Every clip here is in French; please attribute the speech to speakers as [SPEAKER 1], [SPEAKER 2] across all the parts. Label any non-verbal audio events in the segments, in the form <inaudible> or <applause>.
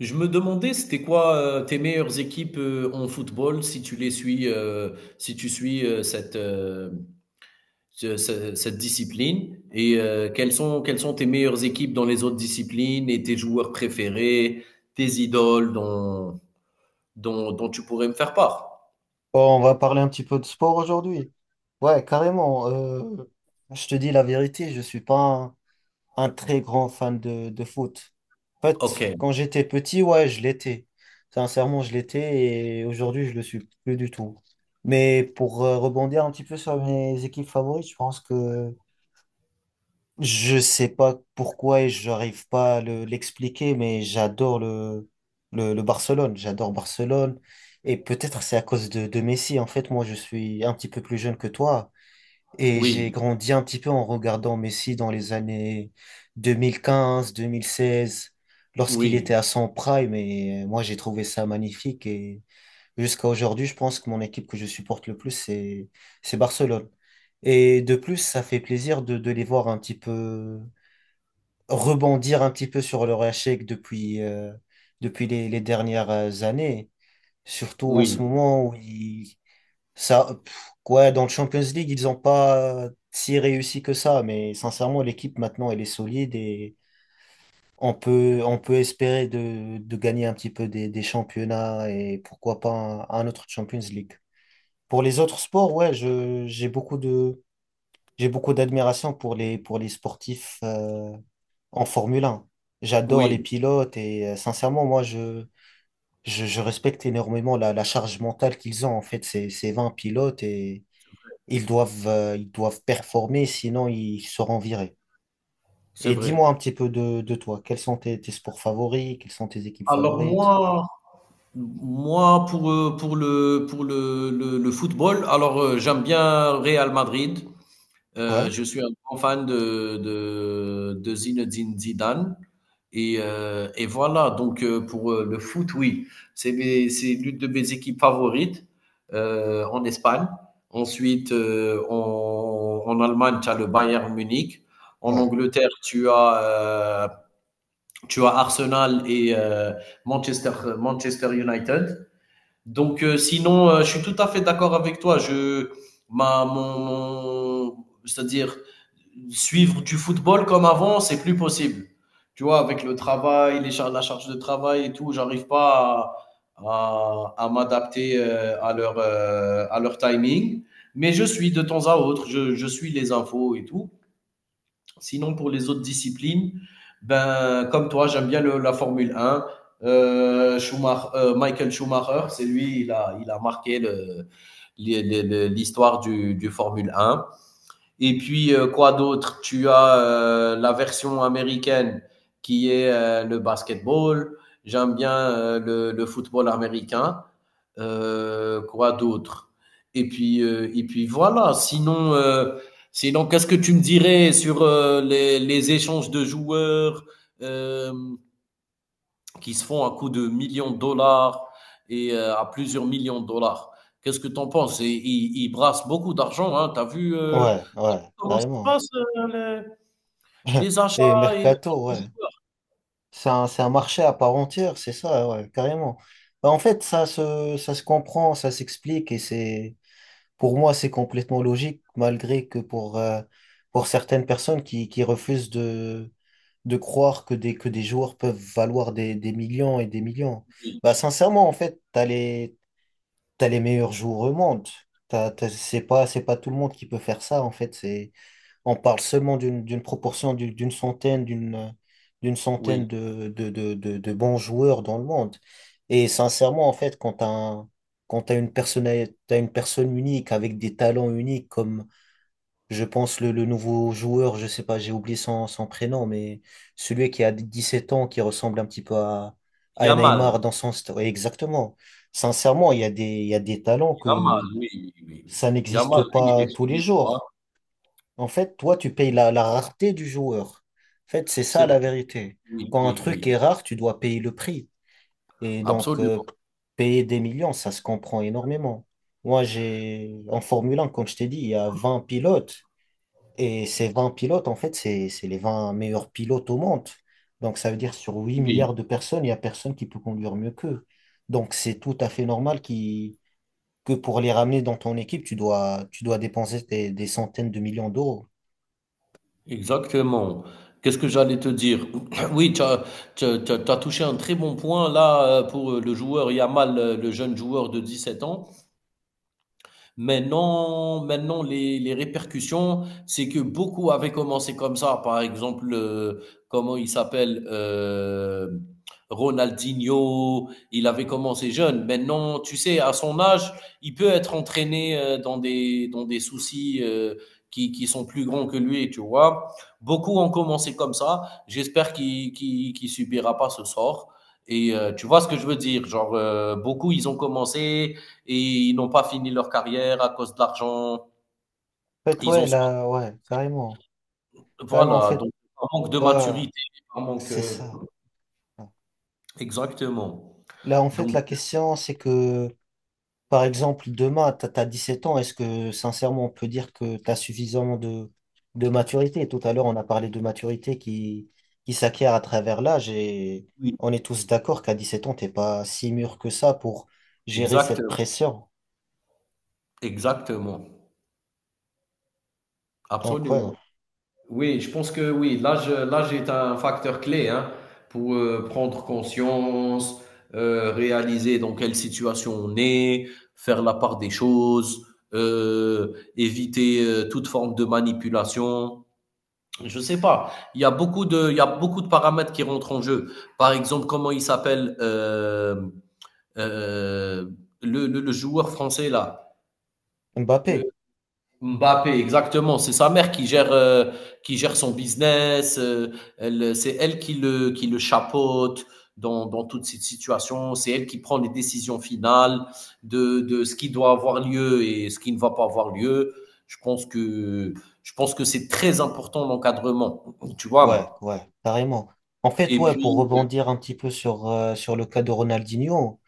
[SPEAKER 1] Je me demandais, c'était quoi tes meilleures équipes en football si tu les suis, si tu suis cette, cette discipline et quelles sont tes meilleures équipes dans les autres disciplines et tes joueurs préférés, tes idoles dont tu pourrais me faire part?
[SPEAKER 2] Bon, on va parler un petit peu de sport aujourd'hui. Ouais, carrément. Je te dis la vérité, je suis pas un très grand fan de foot. En fait,
[SPEAKER 1] Ok,
[SPEAKER 2] quand j'étais petit, ouais, je l'étais. Sincèrement, je l'étais et aujourd'hui, je le suis plus du tout. Mais pour rebondir un petit peu sur mes équipes favorites, je pense que je sais pas pourquoi et j'arrive pas à l'expliquer, mais j'adore le Barcelone. J'adore Barcelone. Et peut-être c'est à cause de Messi. En fait, moi, je suis un petit peu plus jeune que toi et j'ai
[SPEAKER 1] oui,
[SPEAKER 2] grandi un petit peu en regardant Messi dans les années 2015 2016 lorsqu'il
[SPEAKER 1] oui,
[SPEAKER 2] était à son prime. Et moi, j'ai trouvé ça magnifique. Et jusqu'à aujourd'hui, je pense que mon équipe que je supporte le plus, c'est Barcelone. Et de plus, ça fait plaisir de les voir un petit peu rebondir un petit peu sur leur échec depuis les dernières années. Surtout en
[SPEAKER 1] oui,
[SPEAKER 2] ce moment où ça, quoi, dans le Champions League, ils n'ont pas si réussi que ça. Mais sincèrement, l'équipe maintenant, elle est solide et on peut espérer de gagner un petit peu des championnats et pourquoi pas un autre Champions League. Pour les autres sports, ouais, je, j'ai beaucoup de, j'ai beaucoup d'admiration pour les sportifs. En Formule 1, j'adore les
[SPEAKER 1] oui,
[SPEAKER 2] pilotes et sincèrement, moi, je respecte énormément la charge mentale qu'ils ont. En fait, ces 20 pilotes et ils doivent performer, sinon ils seront virés.
[SPEAKER 1] c'est
[SPEAKER 2] Et
[SPEAKER 1] vrai.
[SPEAKER 2] dis-moi un petit peu de toi. Quels sont tes sports favoris? Quelles sont tes équipes
[SPEAKER 1] Alors
[SPEAKER 2] favorites?
[SPEAKER 1] moi, moi pour le, le football, alors j'aime bien Real Madrid.
[SPEAKER 2] Ouais,
[SPEAKER 1] Je suis un grand fan de Zinedine Zidane et voilà donc pour, le foot, oui, c'est mes c'est l'une de mes équipes favorites, en Espagne. Ensuite, en Allemagne, tu as le Bayern Munich. En
[SPEAKER 2] ouais,
[SPEAKER 1] Angleterre, tu as Arsenal et Manchester Manchester United. Donc, sinon, je suis tout à fait d'accord avec toi. Je, ma, mon, mon- c'est-à-dire suivre du football comme avant, c'est plus possible. Tu vois, avec le travail, la charge de travail et tout, j'arrive pas à, à m'adapter à leur timing. Mais je suis de temps à autre, je suis les infos et tout. Sinon, pour les autres disciplines, ben, comme toi, j'aime bien la Formule 1. Michael Schumacher, c'est lui, il a marqué l'histoire du Formule 1. Et puis, quoi d'autre? Tu as la version américaine qui est le basketball. J'aime bien le football américain. Quoi d'autre? Et puis voilà. Sinon, sinon, qu'est-ce que tu me dirais sur les échanges de joueurs euh, qui se font à coût de millions de dollars et à plusieurs millions de dollars? Qu'est-ce que tu en penses? Et ils brassent beaucoup d'argent. Hein. Tu as vu
[SPEAKER 2] ouais, ouais,
[SPEAKER 1] comment ça se
[SPEAKER 2] carrément.
[SPEAKER 1] passe, le
[SPEAKER 2] <laughs>
[SPEAKER 1] les achats
[SPEAKER 2] Et
[SPEAKER 1] et les ventes
[SPEAKER 2] Mercato,
[SPEAKER 1] de
[SPEAKER 2] ouais.
[SPEAKER 1] jouets?
[SPEAKER 2] C'est un marché à part entière, c'est ça, ouais, carrément. Bah, en fait, ça se comprend, ça s'explique et pour moi, c'est complètement logique, malgré que pour certaines personnes qui refusent de croire que que des joueurs peuvent valoir des millions et des millions.
[SPEAKER 1] Oui,
[SPEAKER 2] Bah, sincèrement, en fait, t'as les meilleurs joueurs au monde. C'est pas tout le monde qui peut faire ça, en fait. On parle seulement d'une proportion d'une centaine, d'une
[SPEAKER 1] oui.
[SPEAKER 2] centaine de bons joueurs dans le monde. Et sincèrement, en fait, quand t'as une personne unique avec des talents uniques, comme je pense le nouveau joueur, je sais pas, j'ai oublié son prénom, mais celui qui a 17 ans, qui ressemble un petit peu à
[SPEAKER 1] Yamal,
[SPEAKER 2] Neymar dans son style. Exactement. Sincèrement, il y a des talents
[SPEAKER 1] Yamal,
[SPEAKER 2] que
[SPEAKER 1] oui, oui, oui, oui.
[SPEAKER 2] ça n'existe
[SPEAKER 1] Yamal, lui,
[SPEAKER 2] pas tous
[SPEAKER 1] il
[SPEAKER 2] les
[SPEAKER 1] est
[SPEAKER 2] jours.
[SPEAKER 1] fort,
[SPEAKER 2] En fait, toi, tu payes
[SPEAKER 1] hein? Oui,
[SPEAKER 2] la rareté du joueur. En fait, c'est
[SPEAKER 1] c'est
[SPEAKER 2] ça la
[SPEAKER 1] vrai.
[SPEAKER 2] vérité.
[SPEAKER 1] Oui,
[SPEAKER 2] Quand un
[SPEAKER 1] oui,
[SPEAKER 2] truc
[SPEAKER 1] oui,
[SPEAKER 2] est rare, tu dois payer le prix. Et donc,
[SPEAKER 1] absolument.
[SPEAKER 2] payer des millions, ça se comprend énormément. Moi, en Formule 1, comme je t'ai dit, il y a 20 pilotes. Et ces 20 pilotes, en fait, c'est les 20 meilleurs pilotes au monde. Donc, ça veut dire sur huit
[SPEAKER 1] Oui,
[SPEAKER 2] milliards de personnes, il n'y a personne qui peut conduire mieux qu'eux. Donc, c'est tout à fait normal qui que pour les ramener dans ton équipe, tu dois dépenser des centaines de millions d'euros.
[SPEAKER 1] exactement. Qu'est-ce que j'allais te dire? <coughs> <clears throat> Oui, tu as tu as touché un très bon point là, pour, le joueur Yamal, le jeune joueur de 17 ans. Maintenant, maintenant les répercussions, c'est que beaucoup avaient commencé comme ça. Par exemple, comment il s'appelle Ronaldinho, il avait commencé jeune. Maintenant, tu sais, à son âge, il peut être entraîné dans des soucis qui sont plus grands que lui, tu vois. Beaucoup ont commencé comme ça. J'espère qu'il subira pas ce sort. Et tu vois ce que je veux dire, genre beaucoup ils ont commencé, et ils n'ont pas fini leur carrière à cause de l'argent.
[SPEAKER 2] En fait,
[SPEAKER 1] Ils
[SPEAKER 2] ouais,
[SPEAKER 1] ont soit.
[SPEAKER 2] là, ouais, carrément. Carrément, en
[SPEAKER 1] Voilà,
[SPEAKER 2] fait,
[SPEAKER 1] donc par manque de
[SPEAKER 2] ouais,
[SPEAKER 1] maturité, par manque.
[SPEAKER 2] c'est ça.
[SPEAKER 1] Exactement.
[SPEAKER 2] Là, en fait,
[SPEAKER 1] Donc,
[SPEAKER 2] la question, c'est que, par exemple, demain, t'as 7 ans, est-ce que, sincèrement, on peut dire que t'as suffisamment de maturité? Tout à l'heure, on a parlé de maturité qui s'acquiert à travers l'âge et
[SPEAKER 1] oui,
[SPEAKER 2] on est tous d'accord qu'à 17 ans, t'es pas si mûr que ça pour gérer
[SPEAKER 1] exact,
[SPEAKER 2] cette pression.
[SPEAKER 1] exactement.
[SPEAKER 2] Donc, ouais,
[SPEAKER 1] Absolument. Oui, je pense que oui, l'âge, l'âge est un facteur clé hein, pour prendre conscience, réaliser dans quelle situation on est, faire la part des choses, éviter toute forme de manipulation. Je sais pas. Il y a beaucoup de, il y a beaucoup de paramètres qui rentrent en jeu. Par exemple, comment il s'appelle euh, le, le joueur français là,
[SPEAKER 2] Mbappé.
[SPEAKER 1] le Mbappé, exactement. C'est sa mère qui gère son business. Elle, c'est elle qui le chapeaute dans, dans toute cette situation. C'est elle qui prend les décisions finales de ce qui doit avoir lieu et ce qui ne va pas avoir lieu. Je pense que, je pense que c'est très important l'encadrement. Tu
[SPEAKER 2] Ouais,
[SPEAKER 1] vois.
[SPEAKER 2] ouais, carrément. En fait,
[SPEAKER 1] Et
[SPEAKER 2] ouais, pour
[SPEAKER 1] puis,
[SPEAKER 2] rebondir un petit peu sur le cas de Ronaldinho,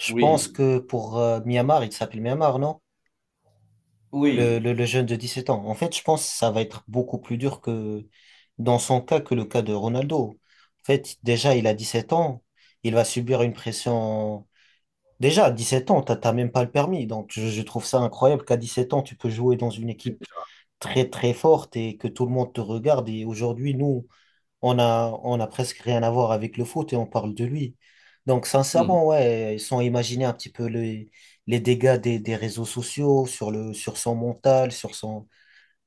[SPEAKER 2] je pense
[SPEAKER 1] oui,
[SPEAKER 2] que pour Myanmar, il s'appelle Myanmar, non? Le,
[SPEAKER 1] oui.
[SPEAKER 2] le, le jeune de 17 ans. En fait, je pense que ça va être beaucoup plus dur que dans son cas que le cas de Ronaldo. En fait, déjà, il a 17 ans, il va subir une pression. Déjà, à 17 ans, t'as même pas le permis. Donc, je trouve ça incroyable qu'à 17 ans, tu peux jouer dans une équipe
[SPEAKER 1] Déjà,
[SPEAKER 2] très, très forte et que tout le monde te regarde. Et aujourd'hui, nous, on a presque rien à voir avec le foot et on parle de lui. Donc,
[SPEAKER 1] mmh,
[SPEAKER 2] sincèrement, ouais, ils sont imaginés un petit peu les dégâts des réseaux sociaux sur son mental, sur son...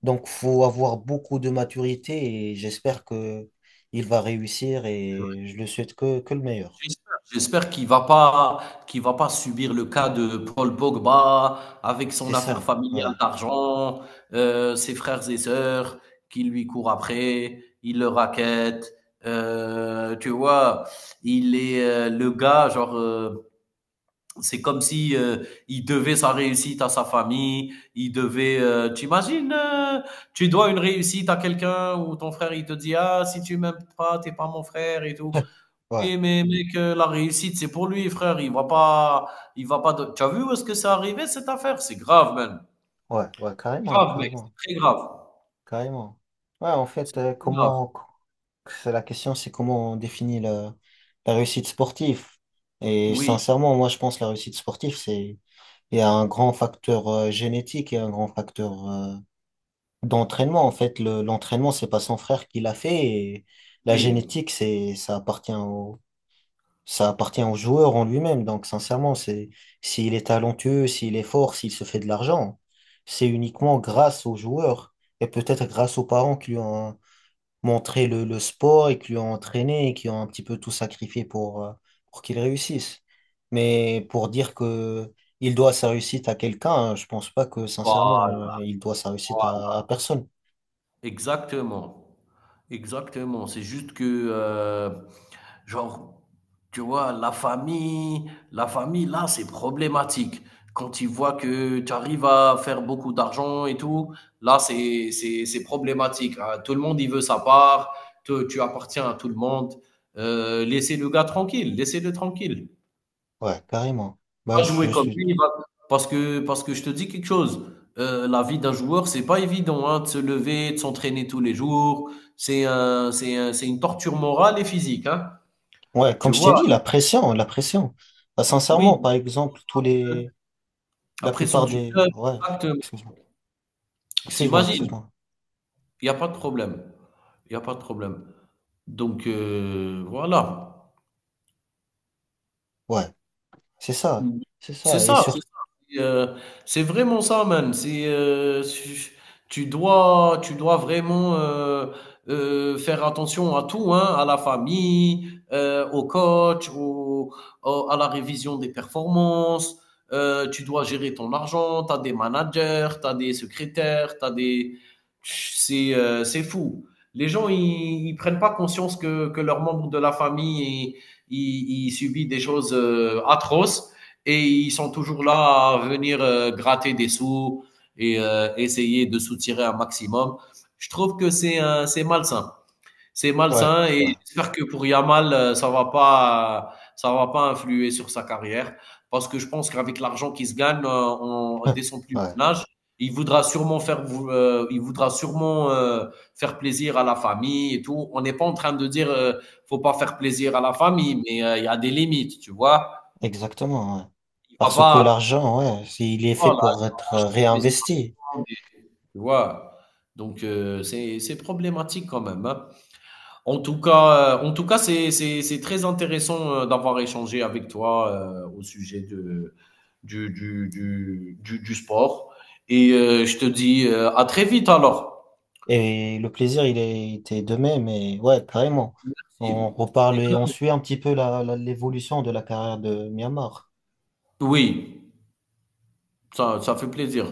[SPEAKER 2] Donc, faut avoir beaucoup de maturité et j'espère que il va réussir
[SPEAKER 1] c'est vrai.
[SPEAKER 2] et je le souhaite que le meilleur.
[SPEAKER 1] J'espère qu'il va pas subir le cas de Paul Pogba avec
[SPEAKER 2] C'est
[SPEAKER 1] son affaire
[SPEAKER 2] ça,
[SPEAKER 1] familiale
[SPEAKER 2] ouais,
[SPEAKER 1] d'argent, ses frères et sœurs qui lui courent après, il le rackettent, tu vois? Il est, le gars genre, c'est comme si il devait sa réussite à sa famille, il devait. Tu imagines, tu dois une réussite à quelqu'un ou ton frère il te dit ah si tu m'aimes pas t'es pas mon frère et tout.
[SPEAKER 2] ouais,
[SPEAKER 1] Et mais mec, la réussite c'est pour lui frère, il va pas. Tu as vu où est-ce que c'est arrivé cette affaire? C'est grave man,
[SPEAKER 2] ouais, ouais,
[SPEAKER 1] c'est
[SPEAKER 2] carrément,
[SPEAKER 1] grave mec,
[SPEAKER 2] carrément.
[SPEAKER 1] c'est très grave,
[SPEAKER 2] Carrément. Ouais, en fait,
[SPEAKER 1] c'est très grave.
[SPEAKER 2] comment c'est la question, c'est comment on définit la réussite sportive. Et
[SPEAKER 1] Oui,
[SPEAKER 2] sincèrement, moi, je pense que la réussite sportive, c'est il y a un grand facteur génétique et un grand facteur d'entraînement. En fait, l'entraînement, c'est pas son frère qui l'a fait. Et la
[SPEAKER 1] oui,
[SPEAKER 2] génétique, c'est ça appartient au joueur en lui-même. Donc, sincèrement, c'est s'il est talentueux, s'il est fort, s'il se fait de l'argent, c'est uniquement grâce au joueur et peut-être grâce aux parents qui lui ont montré le sport et qui l'ont entraîné et qui ont un petit peu tout sacrifié pour qu'il réussisse. Mais pour dire que il doit sa réussite à quelqu'un, hein, je pense pas que sincèrement
[SPEAKER 1] voilà,
[SPEAKER 2] il doit sa réussite
[SPEAKER 1] voilà,
[SPEAKER 2] à personne.
[SPEAKER 1] exactement. Exactement. C'est juste que euh, genre, tu vois, la famille, là, c'est problématique. Quand ils voient que tu arrives à faire beaucoup d'argent et tout, là, c'est problématique. Hein. Tout le monde, il veut sa part. Tu appartiens à tout le monde. Laissez le gars tranquille. Laissez-le tranquille.
[SPEAKER 2] Ouais, carrément. Bah
[SPEAKER 1] Va
[SPEAKER 2] je
[SPEAKER 1] jouer comme
[SPEAKER 2] suis
[SPEAKER 1] lui. Va- parce que je te dis quelque chose. La vie d'un joueur, c'est pas évident, hein, de se lever, de s'entraîner tous les jours. C'est une torture morale et physique, hein.
[SPEAKER 2] ouais,
[SPEAKER 1] Tu
[SPEAKER 2] comme je t'ai
[SPEAKER 1] vois?
[SPEAKER 2] dit, la pression, la pression. Bah, sincèrement,
[SPEAKER 1] Oui,
[SPEAKER 2] par exemple, tous les
[SPEAKER 1] la
[SPEAKER 2] la
[SPEAKER 1] pression
[SPEAKER 2] plupart
[SPEAKER 1] du
[SPEAKER 2] des
[SPEAKER 1] club,
[SPEAKER 2] ouais,
[SPEAKER 1] exactement.
[SPEAKER 2] excuse-moi.
[SPEAKER 1] Tu
[SPEAKER 2] Excuse-moi, excuse-moi.
[SPEAKER 1] il y a pas de problème, il y a pas de problème. Donc voilà.
[SPEAKER 2] Ouais, c'est ça.
[SPEAKER 1] Mmh.
[SPEAKER 2] C'est
[SPEAKER 1] C'est
[SPEAKER 2] ça et
[SPEAKER 1] ça, c'est
[SPEAKER 2] surtout
[SPEAKER 1] ça. C'est, heu, c'est vraiment ça man. C'est, tu tu dois vraiment, faire attention à tout, hein, à la famille, au coach, au à la révision des performances, tu dois gérer ton argent, tu as des managers, tu as des secrétaires, tu as des c'est fou. Les gens, ils prennent pas conscience que leurs membres de la famille, ils subissent des choses, atroces et ils sont toujours là à venir gratter des sous et essayer de soutirer un maximum. Je trouve que c'est un- c'est malsain. C'est
[SPEAKER 2] ouais,
[SPEAKER 1] malsain
[SPEAKER 2] ouais.
[SPEAKER 1] et j'espère que pour Yamal, ça va pas influer sur sa carrière parce que je pense qu'avec l'argent qu'il se gagne en- dès
[SPEAKER 2] <laughs>
[SPEAKER 1] son plus
[SPEAKER 2] Ouais.
[SPEAKER 1] jeune âge, il voudra sûrement faire plaisir à la famille et tout. On n'est pas en train de dire faut pas faire plaisir à la famille, mais il y a des limites, tu vois.
[SPEAKER 2] Exactement, ouais.
[SPEAKER 1] Il va
[SPEAKER 2] Parce que
[SPEAKER 1] pas,
[SPEAKER 2] l'argent, ouais, il est fait
[SPEAKER 1] voilà,
[SPEAKER 2] pour être
[SPEAKER 1] acheter une maison,
[SPEAKER 2] réinvesti.
[SPEAKER 1] des tu vois? Donc c'est problématique quand même, hein. En tout cas, c'est très intéressant, d'avoir échangé avec toi, au sujet de du sport et je te dis, à très vite alors.
[SPEAKER 2] Et le plaisir, il est était de même, et ouais, carrément. On
[SPEAKER 1] Merci.
[SPEAKER 2] reparle et on suit un petit peu l'évolution de la carrière de Myanmar.
[SPEAKER 1] Oui, ça ça fait plaisir.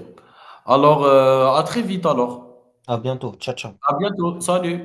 [SPEAKER 1] Alors, à très vite alors.
[SPEAKER 2] À bientôt. Ciao, ciao.
[SPEAKER 1] À bientôt. Salut.